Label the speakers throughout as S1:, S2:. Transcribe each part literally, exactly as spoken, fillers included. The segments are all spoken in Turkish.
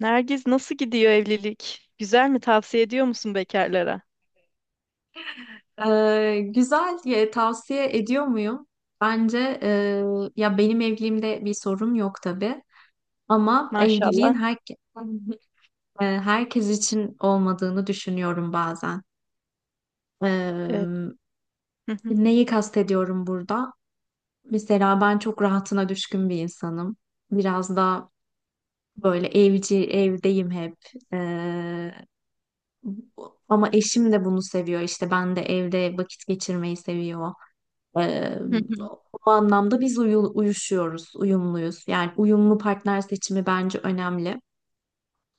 S1: Nergiz nasıl gidiyor evlilik? Güzel mi? Tavsiye ediyor musun bekarlara?
S2: Ee, güzel diye tavsiye ediyor muyum? Bence, e, ya benim evliliğimde bir sorun yok tabii ama evliliğin
S1: Maşallah.
S2: her, e, herkes için olmadığını düşünüyorum bazen.
S1: Evet.
S2: Ee,
S1: Hı hı.
S2: Neyi kastediyorum burada? Mesela ben çok rahatına düşkün bir insanım. Biraz da böyle evci, evdeyim hep. Ee, Ama eşim de bunu seviyor. İşte ben de evde vakit geçirmeyi seviyor. Ee,
S1: Hı hı.
S2: O anlamda biz uyu- uyuşuyoruz, uyumluyuz. Yani uyumlu partner seçimi bence önemli.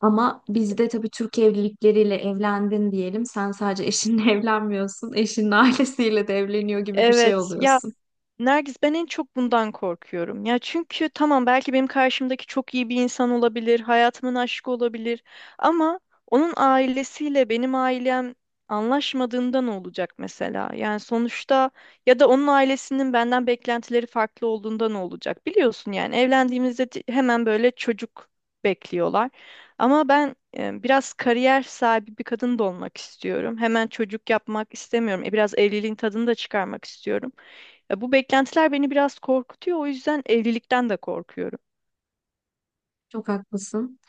S2: Ama bizde tabii Türk evlilikleriyle evlendin diyelim. Sen sadece eşinle evlenmiyorsun. Eşinin ailesiyle de evleniyor gibi bir şey
S1: Evet. Ya
S2: oluyorsun.
S1: Nergis ben en çok bundan korkuyorum. Ya çünkü tamam belki benim karşımdaki çok iyi bir insan olabilir, hayatımın aşkı olabilir ama onun ailesiyle benim ailem anlaşmadığında ne olacak mesela? Yani sonuçta ya da onun ailesinin benden beklentileri farklı olduğunda ne olacak? Biliyorsun yani evlendiğimizde di- hemen böyle çocuk bekliyorlar. Ama ben e, biraz kariyer sahibi bir kadın da olmak istiyorum. Hemen çocuk yapmak istemiyorum. E, biraz evliliğin tadını da çıkarmak istiyorum. Ya bu beklentiler beni biraz korkutuyor. O yüzden evlilikten de korkuyorum.
S2: Çok haklısın.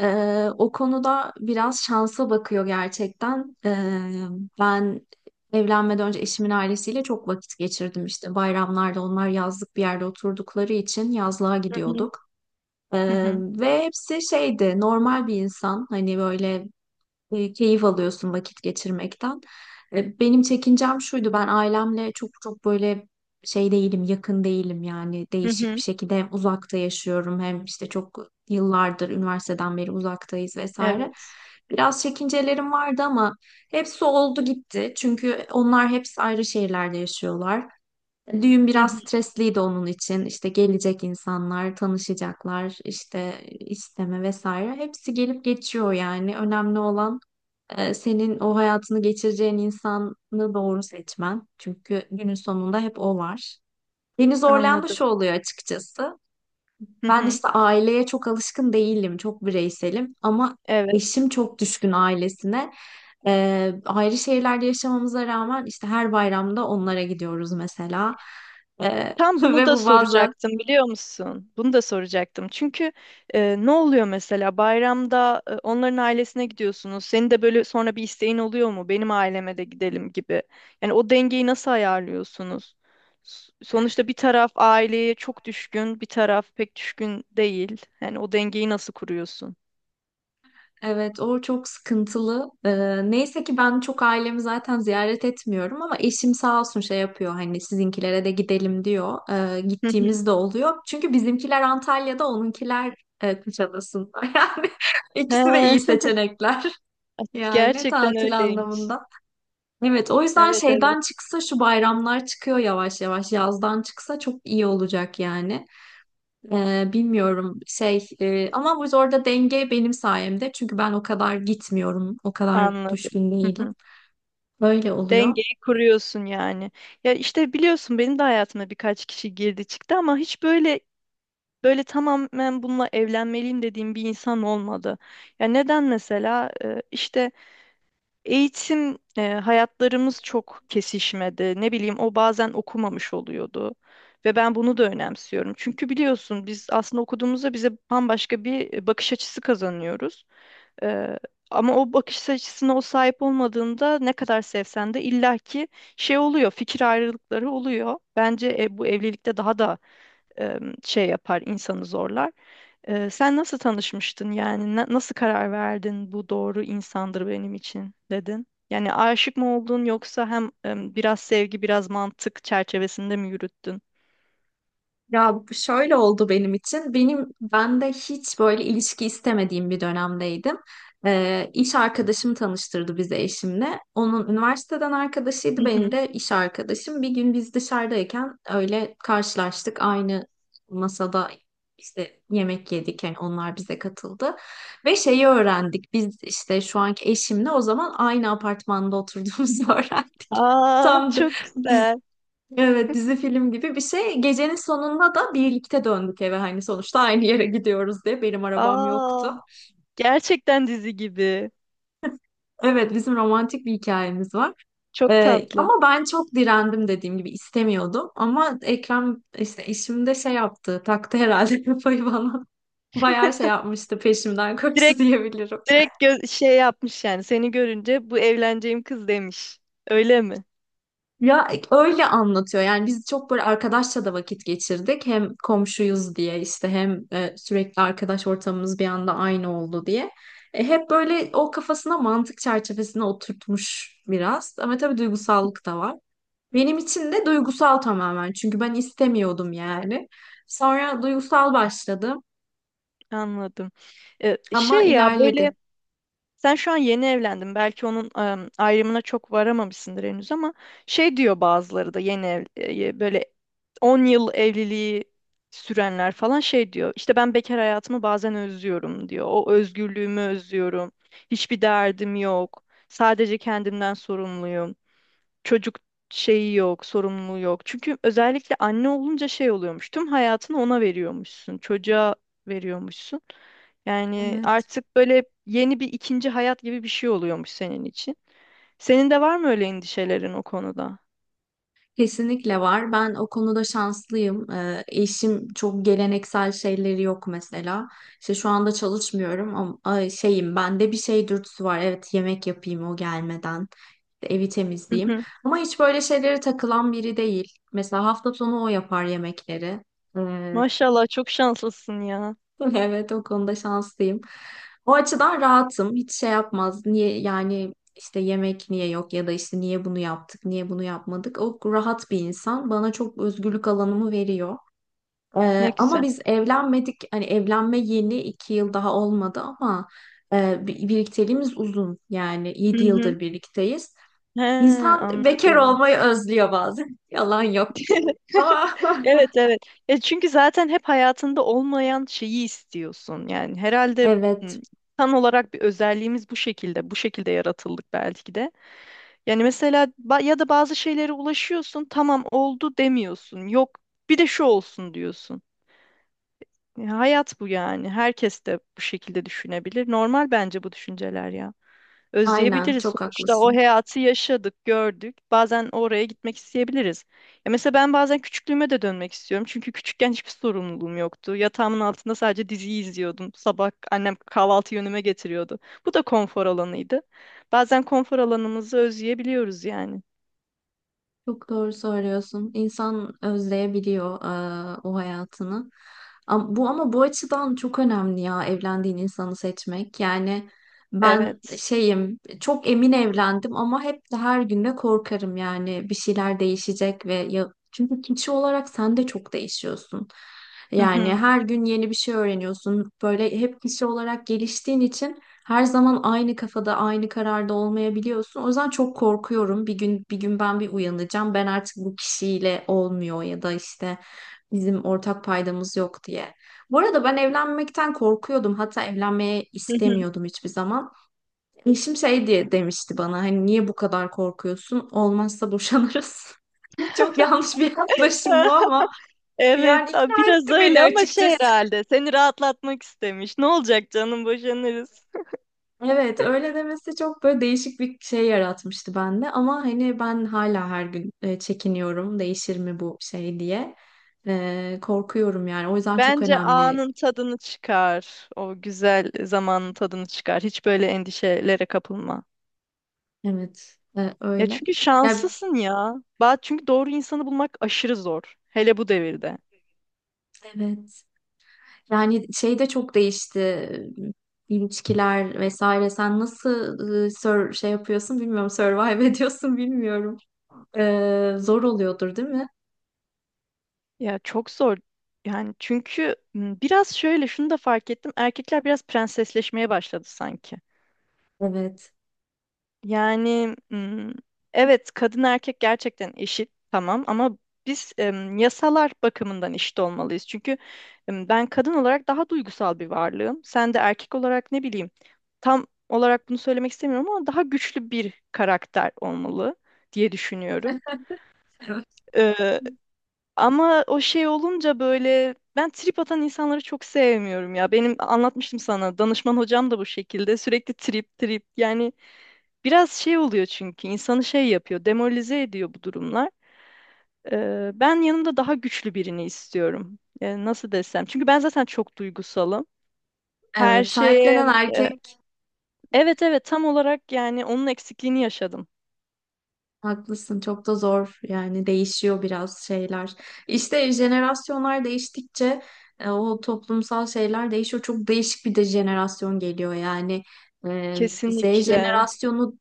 S2: Ee, o konuda biraz şansa bakıyor gerçekten. Ee, ben evlenmeden önce eşimin ailesiyle çok vakit geçirdim işte. Bayramlarda onlar yazlık bir yerde oturdukları için yazlığa
S1: Hı hı.
S2: gidiyorduk.
S1: Hı
S2: Ee,
S1: hı.
S2: ve hepsi şeydi, normal bir insan, hani böyle, e, keyif alıyorsun vakit geçirmekten. E, benim çekincem şuydu, ben ailemle çok çok böyle şey değilim, yakın değilim. Yani
S1: Hı
S2: değişik bir
S1: hı.
S2: şekilde hem uzakta yaşıyorum hem işte çok yıllardır üniversiteden beri uzaktayız vesaire.
S1: Evet.
S2: Biraz çekincelerim vardı ama hepsi oldu gitti, çünkü onlar hepsi ayrı şehirlerde yaşıyorlar. Düğün
S1: Hı
S2: biraz
S1: hı.
S2: stresliydi onun için. İşte gelecek insanlar, tanışacaklar, işte isteme vesaire. Hepsi gelip geçiyor yani. Önemli olan e, senin o hayatını geçireceğin insanı doğru seçmen. Çünkü günün sonunda hep o var. Beni zorlayan da şu
S1: Anladım.
S2: oluyor açıkçası.
S1: Hı
S2: Ben
S1: hı.
S2: işte aileye çok alışkın değilim, çok bireyselim ama
S1: Evet.
S2: eşim çok düşkün ailesine. Ee, ayrı şehirlerde yaşamamıza rağmen işte her bayramda onlara gidiyoruz mesela. Ee,
S1: Tam bunu
S2: Ve
S1: da
S2: bu bazen,
S1: soracaktım biliyor musun? Bunu da soracaktım. Çünkü e, ne oluyor mesela bayramda e, onların ailesine gidiyorsunuz. Senin de böyle sonra bir isteğin oluyor mu? Benim aileme de gidelim gibi. Yani o dengeyi nasıl ayarlıyorsunuz? S- Sonuçta bir taraf aileye çok düşkün, bir taraf pek düşkün değil. Yani o dengeyi nasıl kuruyorsun?
S2: evet, o çok sıkıntılı. Ee, neyse ki ben çok ailemi zaten ziyaret etmiyorum, ama eşim sağ olsun şey yapıyor, hani sizinkilere de gidelim diyor. Ee,
S1: Hı hı.
S2: gittiğimiz de oluyor. Çünkü bizimkiler Antalya'da, onunkiler e, Kuşadası'nda. Yani ikisi de iyi
S1: He,
S2: seçenekler. Yani
S1: gerçekten
S2: tatil
S1: öyleymiş.
S2: anlamında. Evet, o yüzden
S1: Evet, evet,
S2: şeyden çıksa şu bayramlar, çıkıyor yavaş yavaş. Yazdan çıksa çok iyi olacak yani. Ee, bilmiyorum şey, e, ama bu orada denge benim sayemde. Çünkü ben o kadar gitmiyorum. O kadar
S1: anladım.
S2: düşkün
S1: Hı
S2: değilim.
S1: hı.
S2: Böyle oluyor.
S1: Dengeyi kuruyorsun yani. Ya işte biliyorsun benim de hayatıma birkaç kişi girdi çıktı ama hiç böyle böyle tamamen bununla evlenmeliyim dediğim bir insan olmadı. Ya, neden mesela? Ee, işte eğitim, e, hayatlarımız çok kesişmedi. Ne bileyim o bazen okumamış oluyordu. Ve ben bunu da önemsiyorum. Çünkü biliyorsun biz aslında okuduğumuzda bize bambaşka bir bakış açısı kazanıyoruz. Ee, ama o bakış açısına o sahip olmadığında ne kadar sevsen de illaki şey oluyor, fikir ayrılıkları oluyor. Bence e, bu evlilikte daha da e, şey yapar, insanı zorlar. E, sen nasıl tanışmıştın yani? Na- nasıl karar verdin bu doğru insandır benim için dedin? Yani aşık mı oldun yoksa hem e, biraz sevgi biraz mantık çerçevesinde mi yürüttün?
S2: Ya şöyle oldu benim için. Benim ben de hiç böyle ilişki istemediğim bir dönemdeydim. Ee, iş arkadaşım tanıştırdı bizi eşimle. Onun üniversiteden
S1: Hı
S2: arkadaşıydı,
S1: hı.
S2: benim de iş arkadaşım. Bir gün biz dışarıdayken öyle karşılaştık. Aynı masada işte yemek yedik. Yani onlar bize katıldı. Ve şeyi öğrendik. Biz işte şu anki eşimle o zaman aynı apartmanda oturduğumuzu öğrendik.
S1: Aa,
S2: Tam da-
S1: çok güzel.
S2: Evet, dizi film gibi bir şey. Gecenin sonunda da birlikte döndük eve, hani sonuçta aynı yere gidiyoruz diye. Benim arabam
S1: Aa,
S2: yoktu.
S1: gerçekten dizi gibi.
S2: Evet, bizim romantik bir hikayemiz var.
S1: Çok
S2: Ee,
S1: tatlı.
S2: ama ben çok direndim, dediğim gibi istemiyordum. Ama Ekrem işte işimde şey yaptı, taktı herhalde kafayı bana. Bayağı şey yapmıştı, peşimden koştu
S1: Direkt
S2: diyebilirim.
S1: Direkt gö- şey yapmış yani seni görünce bu evleneceğim kız demiş. Öyle mi?
S2: Ya öyle anlatıyor. Yani biz çok böyle arkadaşça da vakit geçirdik. Hem komşuyuz diye işte, hem e, sürekli arkadaş ortamımız bir anda aynı oldu diye. E, hep böyle o kafasına mantık çerçevesine oturtmuş biraz. Ama tabii duygusallık da var. Benim için de duygusal tamamen. Çünkü ben istemiyordum yani. Sonra duygusal başladım
S1: Anladım. Ee,
S2: ama
S1: şey ya böyle
S2: ilerledi.
S1: sen şu an yeni evlendin. Belki onun em, ayrımına çok varamamışsındır henüz ama şey diyor bazıları da yeni ev, e, böyle on yıl evliliği sürenler falan şey diyor. İşte ben bekar hayatımı bazen özlüyorum diyor. O özgürlüğümü özlüyorum. Hiçbir derdim yok. Sadece kendimden sorumluyum. Çocuk şeyi yok, sorumluluğu yok. Çünkü özellikle anne olunca şey oluyormuş. Tüm hayatını ona veriyormuşsun, çocuğa veriyormuşsun. Yani
S2: Evet.
S1: artık böyle yeni bir ikinci hayat gibi bir şey oluyormuş senin için. Senin de var mı öyle endişelerin o konuda?
S2: Kesinlikle var. Ben o konuda şanslıyım. Ee, eşim çok geleneksel şeyleri yok mesela. İşte şu anda çalışmıyorum ama, ay, şeyim, bende bir şey dürtüsü var. Evet, yemek yapayım o gelmeden. Evi
S1: Hı
S2: temizleyeyim.
S1: hı.
S2: Ama hiç böyle şeylere takılan biri değil. Mesela hafta sonu o yapar yemekleri. Ee,
S1: Maşallah, çok şanslısın ya.
S2: Evet, o konuda şanslıyım. O açıdan rahatım. Hiç şey yapmaz. Niye yani işte yemek niye yok, ya da işte niye bunu yaptık, niye bunu yapmadık. O rahat bir insan. Bana çok özgürlük alanımı veriyor.
S1: Ne
S2: Ee, ama
S1: güzel.
S2: biz evlenmedik. Hani evlenme yeni iki yıl daha olmadı ama e, bi- birlikteliğimiz uzun. Yani
S1: Hı
S2: yedi
S1: hı.
S2: yıldır birlikteyiz.
S1: He,
S2: İnsan bekar
S1: anladım.
S2: olmayı özlüyor bazen. Yalan yok. Ama
S1: Evet, evet. E, çünkü zaten hep hayatında olmayan şeyi istiyorsun. Yani herhalde m,
S2: evet,
S1: insan olarak bir özelliğimiz bu şekilde. Bu şekilde yaratıldık belki de. Yani mesela ba- ya da bazı şeylere ulaşıyorsun, tamam oldu demiyorsun. Yok, bir de şu olsun diyorsun. Ya, hayat bu yani. Herkes de bu şekilde düşünebilir. Normal bence bu düşünceler ya.
S2: aynen,
S1: Özleyebiliriz.
S2: çok
S1: Sonuçta o
S2: haklısın.
S1: hayatı yaşadık, gördük. Bazen oraya gitmek isteyebiliriz. Ya mesela ben bazen küçüklüğüme de dönmek istiyorum. Çünkü küçükken hiçbir sorumluluğum yoktu. Yatağımın altında sadece diziyi izliyordum. Sabah annem kahvaltı yönüme getiriyordu. Bu da konfor alanıydı. Bazen konfor alanımızı özleyebiliyoruz yani.
S2: Çok doğru söylüyorsun. İnsan özleyebiliyor eee, o hayatını. Ama bu ama bu açıdan çok önemli ya, evlendiğin insanı seçmek. Yani ben
S1: Evet.
S2: şeyim, çok emin evlendim ama hep de her gün de korkarım, yani bir şeyler değişecek ve ya, çünkü kişi olarak sen de çok değişiyorsun.
S1: Hı
S2: Yani
S1: hı.
S2: her gün yeni bir şey öğreniyorsun. Böyle hep kişi olarak geliştiğin için her zaman aynı kafada, aynı kararda olmayabiliyorsun. O yüzden çok korkuyorum. Bir gün bir gün ben bir uyanacağım. Ben artık bu kişiyle olmuyor ya da işte bizim ortak paydamız yok diye. Bu arada ben evlenmekten korkuyordum. Hatta evlenmeye
S1: Hı hı.
S2: istemiyordum hiçbir zaman. Eşim şey diye demişti bana, hani niye bu kadar korkuyorsun? Olmazsa boşanırız. Çok yanlış bir yaklaşım bu ama
S1: Evet,
S2: yani ikna
S1: a- biraz
S2: etti beni
S1: öyle ama şey
S2: açıkçası.
S1: herhalde seni rahatlatmak istemiş. Ne olacak canım, boşanırız.
S2: Evet, öyle demesi çok böyle değişik bir şey yaratmıştı bende, ama hani ben hala her gün e, çekiniyorum, değişir mi bu şey diye. E, korkuyorum yani, o yüzden çok
S1: Bence
S2: önemli.
S1: anın tadını çıkar. O güzel zamanın tadını çıkar. Hiç böyle endişelere kapılma.
S2: Evet, e,
S1: Ya
S2: öyle
S1: çünkü
S2: ya,
S1: şanslısın ya. Ba- Çünkü doğru insanı bulmak aşırı zor. Hele bu devirde.
S2: evet. Yani şey de çok değişti, e, ilişkiler vesaire. Sen nasıl e, sur- şey yapıyorsun bilmiyorum, survive ediyorsun bilmiyorum. E, zor oluyordur değil mi?
S1: Ya çok zor. Yani çünkü m, biraz şöyle şunu da fark ettim. Erkekler biraz prensesleşmeye başladı sanki.
S2: Evet.
S1: Yani mm, evet, kadın erkek gerçekten eşit tamam ama biz em, yasalar bakımından eşit olmalıyız. Çünkü em, ben kadın olarak daha duygusal bir varlığım. Sen de erkek olarak ne bileyim, tam olarak bunu söylemek istemiyorum ama daha güçlü bir karakter olmalı diye düşünüyorum.
S2: Evet.
S1: Ee, ama o şey olunca böyle ben trip atan insanları çok sevmiyorum ya. Benim anlatmıştım sana, danışman hocam da bu şekilde sürekli trip trip yani. Biraz şey oluyor çünkü insanı şey yapıyor, demoralize ediyor bu durumlar. Ee, ben yanımda daha güçlü birini istiyorum. Ee, nasıl desem? Çünkü ben zaten çok duygusalım. Her
S2: Evet, sahiplenen
S1: şeye, e,
S2: erkek.
S1: evet, evet, tam olarak yani onun eksikliğini yaşadım.
S2: Haklısın, çok da zor yani, değişiyor biraz şeyler. İşte jenerasyonlar değiştikçe, e, o toplumsal şeyler değişiyor. Çok değişik bir de jenerasyon geliyor yani. E, zet
S1: Kesinlikle.
S2: jenerasyonu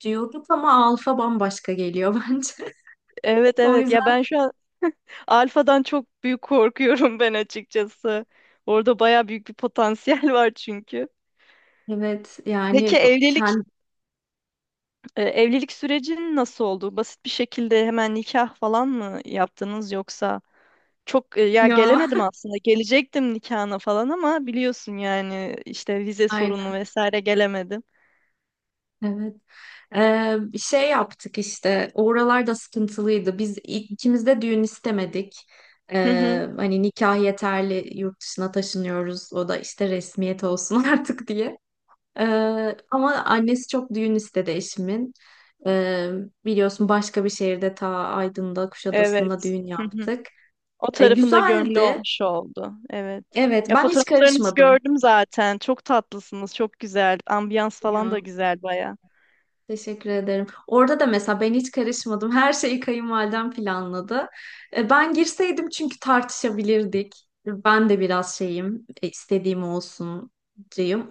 S2: diyorduk ama alfa bambaşka geliyor bence.
S1: Evet,
S2: O
S1: evet, ya
S2: yüzden
S1: ben şu an alfadan çok büyük korkuyorum ben açıkçası. Orada baya büyük bir potansiyel var çünkü.
S2: evet
S1: Peki
S2: yani, bu-
S1: evlilik,
S2: kend-
S1: e, evlilik sürecin nasıl oldu? Basit bir şekilde hemen nikah falan mı yaptınız yoksa? Çok e, ya
S2: ya
S1: gelemedim aslında. Gelecektim nikahına falan ama biliyorsun yani işte vize sorunu
S2: aynen,
S1: vesaire gelemedim.
S2: evet. Ee, şey yaptık işte, oralar da sıkıntılıydı. Biz ilk- ikimiz de düğün istemedik.
S1: Hı hı.
S2: Ee, hani nikah yeterli, yurt dışına taşınıyoruz. O da işte resmiyet olsun artık diye. Ee, ama annesi çok düğün istedi eşimin. Ee, Biliyorsun başka bir şehirde, ta Aydın'da, Kuşadası'nda
S1: Evet.
S2: düğün
S1: Hı hı.
S2: yaptık.
S1: O
S2: Ee,
S1: tarafında gönlü
S2: güzeldi.
S1: olmuş oldu. Evet.
S2: Evet,
S1: Ya
S2: ben hiç
S1: fotoğraflarınızı
S2: karışmadım.
S1: gördüm zaten. Çok tatlısınız. Çok güzel. Ambiyans falan da
S2: Ya.
S1: güzel baya.
S2: Teşekkür ederim. Orada da mesela ben hiç karışmadım. Her şeyi kayınvalidem planladı. E, Ben girseydim çünkü tartışabilirdik. Ben de biraz şeyim, e, istediğim olsun.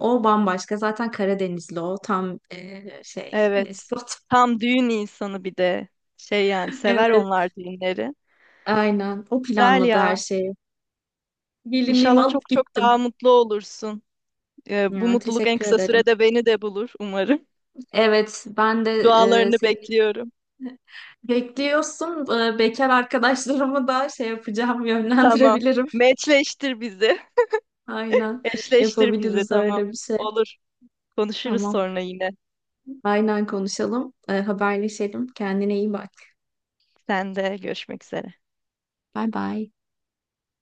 S2: O bambaşka. Zaten Karadenizli o. Tam, e, şey,
S1: Evet.
S2: despot.
S1: Tam düğün insanı bir de. Şey yani, sever
S2: Evet,
S1: onlar düğünleri.
S2: aynen. O
S1: Güzel
S2: planladı
S1: ya.
S2: her şeyi. Gelinliğimi
S1: İnşallah
S2: alıp
S1: çok çok daha
S2: gittim.
S1: mutlu olursun. Ee, bu
S2: Ya,
S1: mutluluk en
S2: teşekkür
S1: kısa
S2: ederim.
S1: sürede beni de bulur umarım.
S2: Evet, ben de, e,
S1: Dualarını
S2: senin
S1: bekliyorum.
S2: bekliyorsun. E, bekar arkadaşlarımı da şey yapacağım,
S1: Tamam.
S2: yönlendirebilirim.
S1: Meçleştir bizi.
S2: Aynen,
S1: Eşleştir bizi,
S2: yapabiliriz
S1: tamam.
S2: öyle bir şey.
S1: Olur. Konuşuruz
S2: Tamam.
S1: sonra yine.
S2: Aynen, konuşalım. Ee, haberleşelim. Kendine iyi bak.
S1: Sen de, görüşmek üzere.
S2: Bay bay.